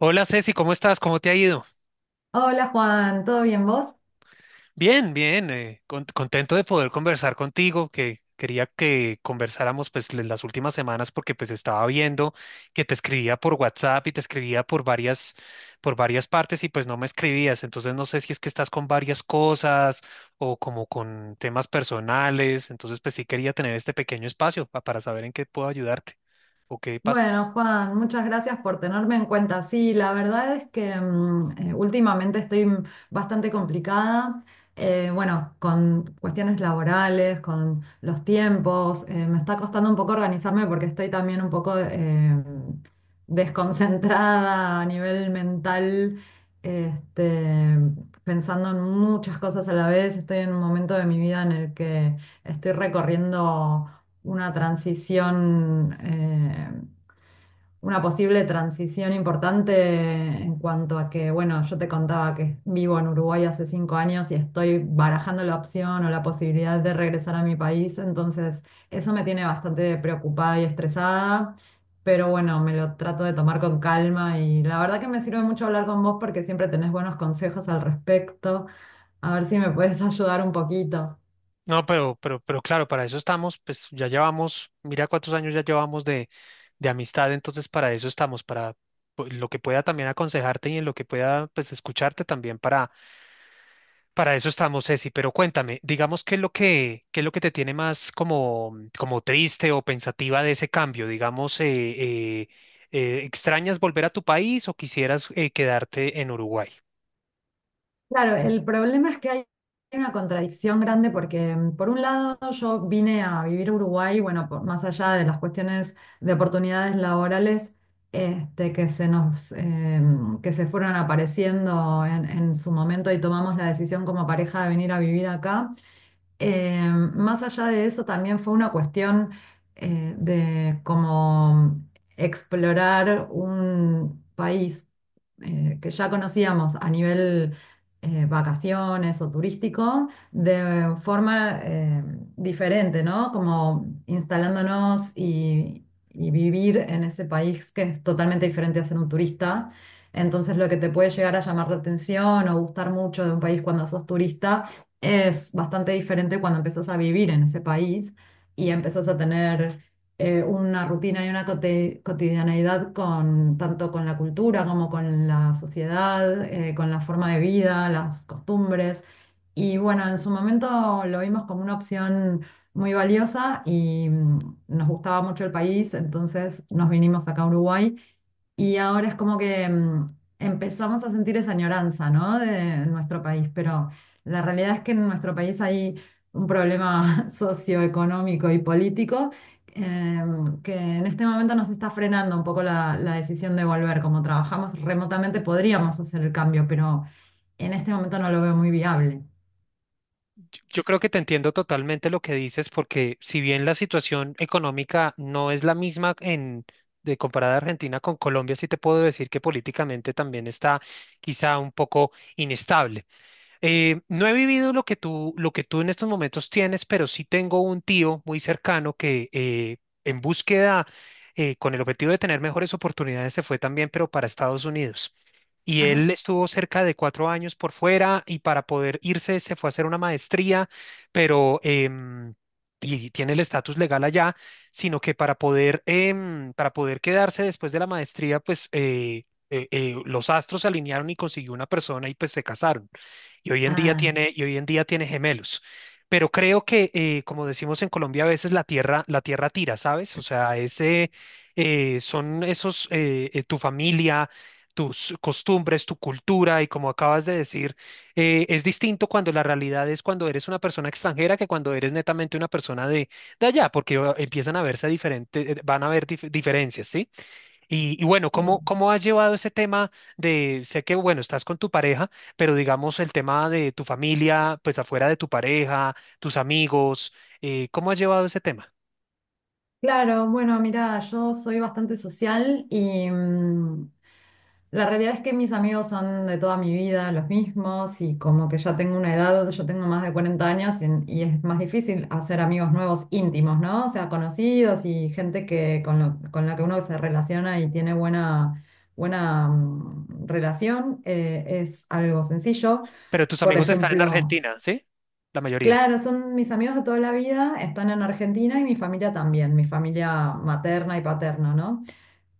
Hola Ceci, ¿cómo estás? ¿Cómo te ha ido? Hola Juan, ¿todo bien vos? Bien, bien, contento de poder conversar contigo, que quería que conversáramos pues las últimas semanas porque pues estaba viendo que te escribía por WhatsApp y te escribía por varias partes y pues no me escribías, entonces no sé si es que estás con varias cosas o como con temas personales, entonces pues sí quería tener este pequeño espacio para saber en qué puedo ayudarte o qué pasa. Bueno, Juan, muchas gracias por tenerme en cuenta. Sí, la verdad es que últimamente estoy bastante complicada, bueno, con cuestiones laborales, con los tiempos, me está costando un poco organizarme porque estoy también un poco desconcentrada a nivel mental, este, pensando en muchas cosas a la vez. Estoy en un momento de mi vida en el que estoy recorriendo una transición. Una posible transición importante en cuanto a que, bueno, yo te contaba que vivo en Uruguay hace 5 años y estoy barajando la opción o la posibilidad de regresar a mi país, entonces eso me tiene bastante preocupada y estresada, pero bueno, me lo trato de tomar con calma y la verdad que me sirve mucho hablar con vos porque siempre tenés buenos consejos al respecto, a ver si me puedes ayudar un poquito. No, pero claro, para eso estamos, pues ya llevamos, mira cuántos años ya llevamos de amistad, entonces para eso estamos, para pues, lo que pueda también aconsejarte y en lo que pueda pues escucharte también para eso estamos, Ceci. Pero cuéntame, digamos qué es lo que te tiene más como, como triste o pensativa de ese cambio, digamos, ¿extrañas volver a tu país o quisieras quedarte en Uruguay? Claro, el problema es que hay una contradicción grande porque, por un lado, yo vine a vivir a Uruguay, bueno, más allá de las cuestiones de oportunidades laborales, que se fueron apareciendo en su momento y tomamos la decisión como pareja de venir a vivir acá. Eh, Más allá de eso, también fue una cuestión de como explorar un país que ya conocíamos a nivel vacaciones o turístico, de forma diferente, ¿no? Como instalándonos y vivir en ese país, que es totalmente diferente a ser un turista. Entonces, lo que te puede llegar a llamar la atención o gustar mucho de un país cuando sos turista es bastante diferente cuando empezás a vivir en ese país y empezás a tener una rutina y una cotidianeidad tanto con la cultura como con la sociedad, con la forma de vida, las costumbres. Y bueno, en su momento lo vimos como una opción muy valiosa y nos gustaba mucho el país, entonces nos vinimos acá a Uruguay, y ahora es como que empezamos a sentir esa añoranza, ¿no? De nuestro país. Pero la realidad es que en nuestro país hay un problema socioeconómico y político eh, que en este momento nos está frenando un poco la decisión de volver. Como trabajamos remotamente, podríamos hacer el cambio, pero en este momento no lo veo muy viable. Yo creo que te entiendo totalmente lo que dices, porque si bien la situación económica no es la misma en de comparada Argentina con Colombia, sí te puedo decir que políticamente también está quizá un poco inestable. No he vivido lo que tú en estos momentos tienes, pero sí tengo un tío muy cercano que en búsqueda, con el objetivo de tener mejores oportunidades, se fue también, pero para Estados Unidos. Y él Ajá. estuvo cerca de cuatro años por fuera y para poder irse se fue a hacer una maestría, pero y tiene el estatus legal allá, sino que para poder para poder quedarse después de la maestría, pues los astros se alinearon y consiguió una persona y pues se casaron y hoy en día Ah, tiene, y hoy en día tiene gemelos. Pero creo que, como decimos en Colombia, a veces la tierra tira, ¿sabes? O sea, ese, tu familia, tus costumbres, tu cultura, y como acabas de decir, es distinto cuando la realidad es cuando eres una persona extranjera que cuando eres netamente una persona de allá, porque empiezan a verse diferentes, van a haber diferencias, ¿sí? Y bueno, eh, ¿cómo has llevado ese tema de, sé que, bueno, estás con tu pareja, pero digamos el tema de tu familia, pues afuera de tu pareja, tus amigos, ¿cómo has llevado ese tema? claro, bueno, mira, yo soy bastante social y, la realidad es que mis amigos son de toda mi vida los mismos, y como que ya tengo una edad, yo tengo más de 40 años y es más difícil hacer amigos nuevos íntimos, ¿no? O sea, conocidos y gente que, con la que uno se relaciona y tiene buena, buena relación, es algo sencillo. Pero tus Por amigos están en ejemplo, Argentina, ¿sí? La mayoría. claro, son mis amigos de toda la vida, están en Argentina, y mi familia también, mi familia materna y paterna, ¿no?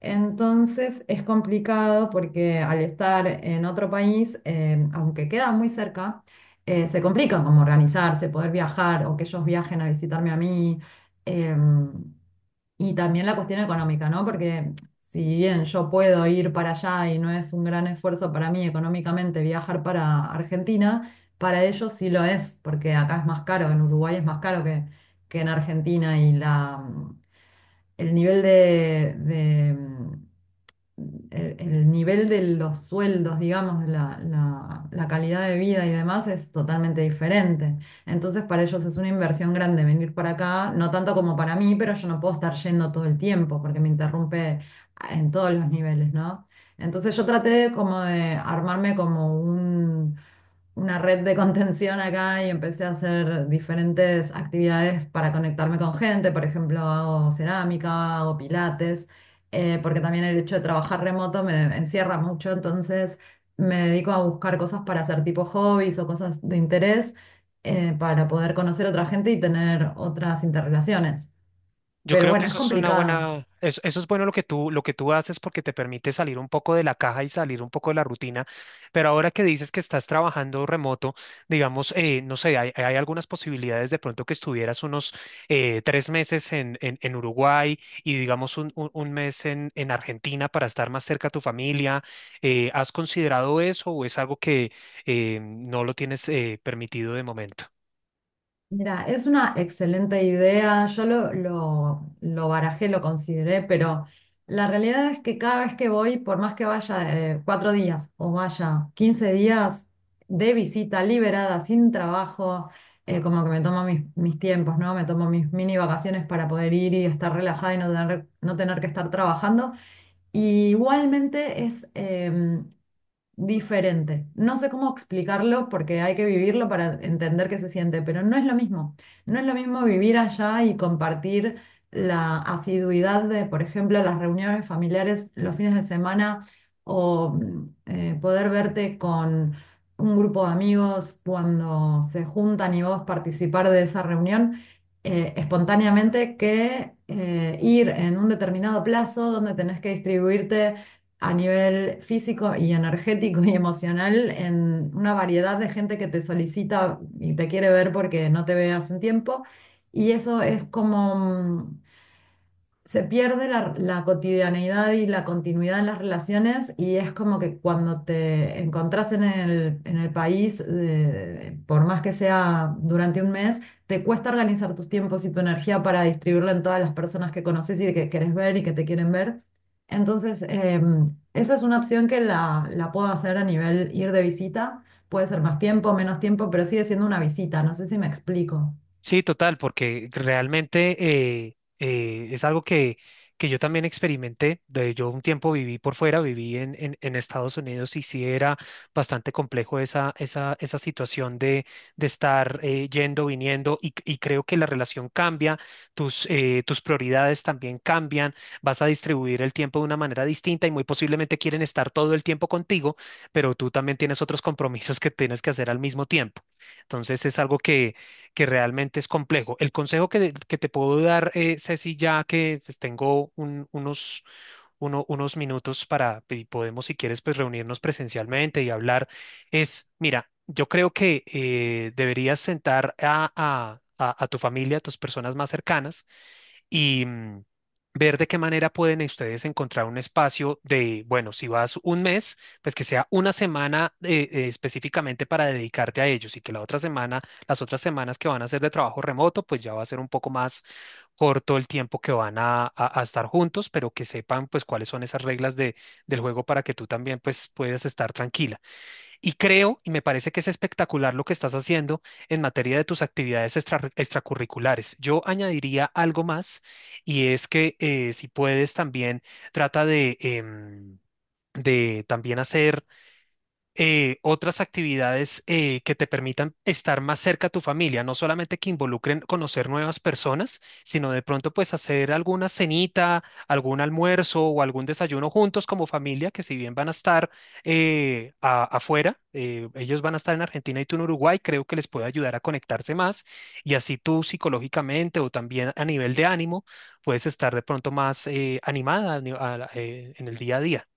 Entonces es complicado porque, al estar en otro país, aunque queda muy cerca, se complica como organizarse, poder viajar o que ellos viajen a visitarme a mí. em, y también la cuestión económica, ¿no? Porque si bien yo puedo ir para allá y no es un gran esfuerzo para mí económicamente viajar para Argentina, para ellos sí lo es, porque acá es más caro, en Uruguay es más caro que en Argentina, y la, el nivel de, el nivel de los sueldos, digamos, de la calidad de vida y demás, es totalmente diferente. Entonces, para ellos es una inversión grande venir para acá, no tanto como para mí, pero yo no puedo estar yendo todo el tiempo porque me interrumpe en todos los niveles, ¿no? Entonces, yo traté de como de armarme como un una red de contención acá, y empecé a hacer diferentes actividades para conectarme con gente. Por ejemplo, hago cerámica, hago pilates, porque también el hecho de trabajar remoto me encierra mucho, entonces me dedico a buscar cosas para hacer, tipo hobbies o cosas de interés, para poder conocer otra gente y tener otras interrelaciones. Yo Pero creo que bueno, es eso es una complicado. buena, eso es bueno lo que tú haces porque te permite salir un poco de la caja y salir un poco de la rutina. Pero ahora que dices que estás trabajando remoto, digamos, no sé, hay algunas posibilidades de pronto que estuvieras unos tres meses en Uruguay y digamos un mes en Argentina para estar más cerca a tu familia. ¿Has considerado eso o es algo que no lo tienes permitido de momento? Mira, es una excelente idea. Yo lo barajé, lo consideré, pero la realidad es que cada vez que voy, por más que vaya 4 días o vaya 15 días de visita liberada, sin trabajo, como que me tomo mis tiempos, ¿no? Me tomo mis mini vacaciones para poder ir y estar relajada, y no tener que estar trabajando. Y igualmente es diferente. No sé cómo explicarlo porque hay que vivirlo para entender qué se siente, pero no es lo mismo. No es lo mismo vivir allá y compartir la asiduidad de, por ejemplo, las reuniones familiares los fines de semana, o poder verte con un grupo de amigos cuando se juntan y vos participar de esa reunión espontáneamente, que ir en un determinado plazo donde tenés que distribuirte a nivel físico y energético y emocional en una variedad de gente que te solicita y te quiere ver porque no te ve hace un tiempo. Y eso es como, se pierde la cotidianeidad y la continuidad en las relaciones, y es como que cuando te encontrás en el país, por más que sea durante un mes, te cuesta organizar tus tiempos y tu energía para distribuirlo en todas las personas que conoces y que querés ver y que te quieren ver. Entonces, esa es una opción que la puedo hacer a nivel ir de visita. Puede ser más tiempo, menos tiempo, pero sigue siendo una visita. No sé si me explico. Sí, total, porque realmente es algo que yo también experimenté. De, yo un tiempo viví por fuera, viví en Estados Unidos y sí era bastante complejo esa situación de estar yendo, viniendo y creo que la relación cambia, tus prioridades también cambian, vas a distribuir el tiempo de una manera distinta y muy posiblemente quieren estar todo el tiempo contigo, pero tú también tienes otros compromisos que tienes que hacer al mismo tiempo. Entonces es algo que realmente es complejo. El consejo que te puedo dar, Ceci, ya que pues, tengo unos unos minutos para, y podemos, si quieres, pues reunirnos presencialmente y hablar, es, mira, yo creo que deberías sentar a, a tu familia, a tus personas más cercanas y mm, ver de qué manera pueden ustedes encontrar un espacio de, bueno, si vas un mes, pues que sea una semana específicamente para dedicarte a ellos y que la otra semana, las otras semanas que van a ser de trabajo remoto, pues ya va a ser un poco más corto el tiempo que van a estar juntos, pero que sepan pues cuáles son esas reglas de, del juego para que tú también pues puedas estar tranquila. Y creo, y me parece que es espectacular lo que estás haciendo en materia de tus actividades extracurriculares. Yo añadiría algo más y es que si puedes también trata de... de también hacer otras actividades que te permitan estar más cerca a tu familia, no solamente que involucren conocer nuevas personas, sino de pronto pues hacer alguna cenita, algún almuerzo o algún desayuno juntos como familia, que si bien van a estar afuera, ellos van a estar en Argentina y tú en Uruguay, creo que les puede ayudar a conectarse más y así tú psicológicamente o también a nivel de ánimo puedes estar de pronto más animada a en el día a día.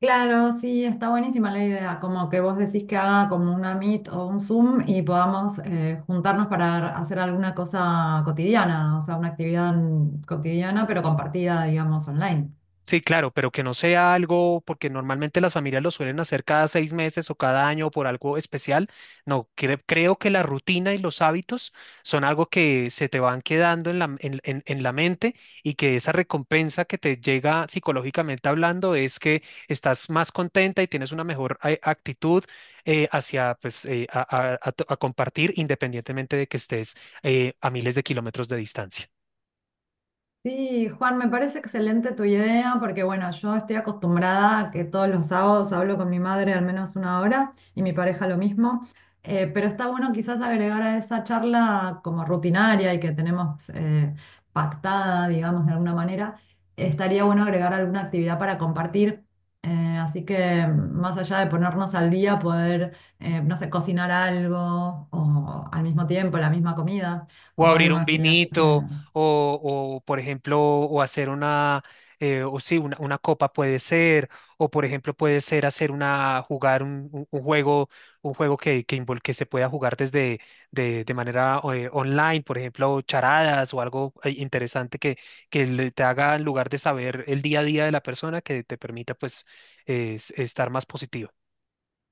Claro, sí, está buenísima la idea, como que vos decís que haga como una Meet o un Zoom y podamos juntarnos para hacer alguna cosa cotidiana, o sea, una actividad cotidiana pero compartida, digamos, online. Sí, claro, pero que no sea algo, porque normalmente las familias lo suelen hacer cada seis meses o cada año por algo especial. No, creo que la rutina y los hábitos son algo que se te van quedando en en la mente y que esa recompensa que te llega psicológicamente hablando es que estás más contenta y tienes una mejor actitud hacia, pues, a compartir independientemente de que estés a miles de kilómetros de distancia. Sí, Juan, me parece excelente tu idea porque, bueno, yo estoy acostumbrada a que todos los sábados hablo con mi madre al menos una hora, y mi pareja lo mismo, pero está bueno quizás agregar a esa charla, como rutinaria y que tenemos pactada, digamos, de alguna manera, estaría bueno agregar alguna actividad para compartir. Así que más allá de ponernos al día, poder, no sé, cocinar algo, o al mismo tiempo la misma comida O o abrir algo un así, así que... vinito, por ejemplo, o hacer una, o sí, una copa puede ser, o por ejemplo, puede ser hacer una, jugar un juego que se pueda jugar desde, de manera online, por ejemplo, charadas o algo interesante que te haga, en lugar de saber el día a día de la persona, que te permita, pues, estar más positivo.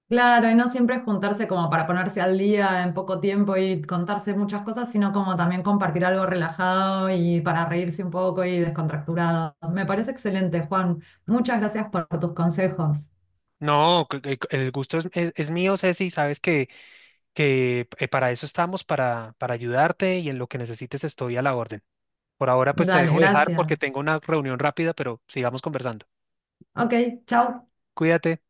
Claro, y no siempre juntarse como para ponerse al día en poco tiempo y contarse muchas cosas, sino como también compartir algo relajado y para reírse un poco y descontracturado. Me parece excelente, Juan. Muchas gracias por tus consejos. No, el gusto es mío, Ceci, sabes que para eso estamos, para ayudarte y en lo que necesites estoy a la orden. Por ahora pues te Dale, dejo dejar porque gracias. tengo una reunión rápida, pero sigamos conversando. Ok, chao. Cuídate.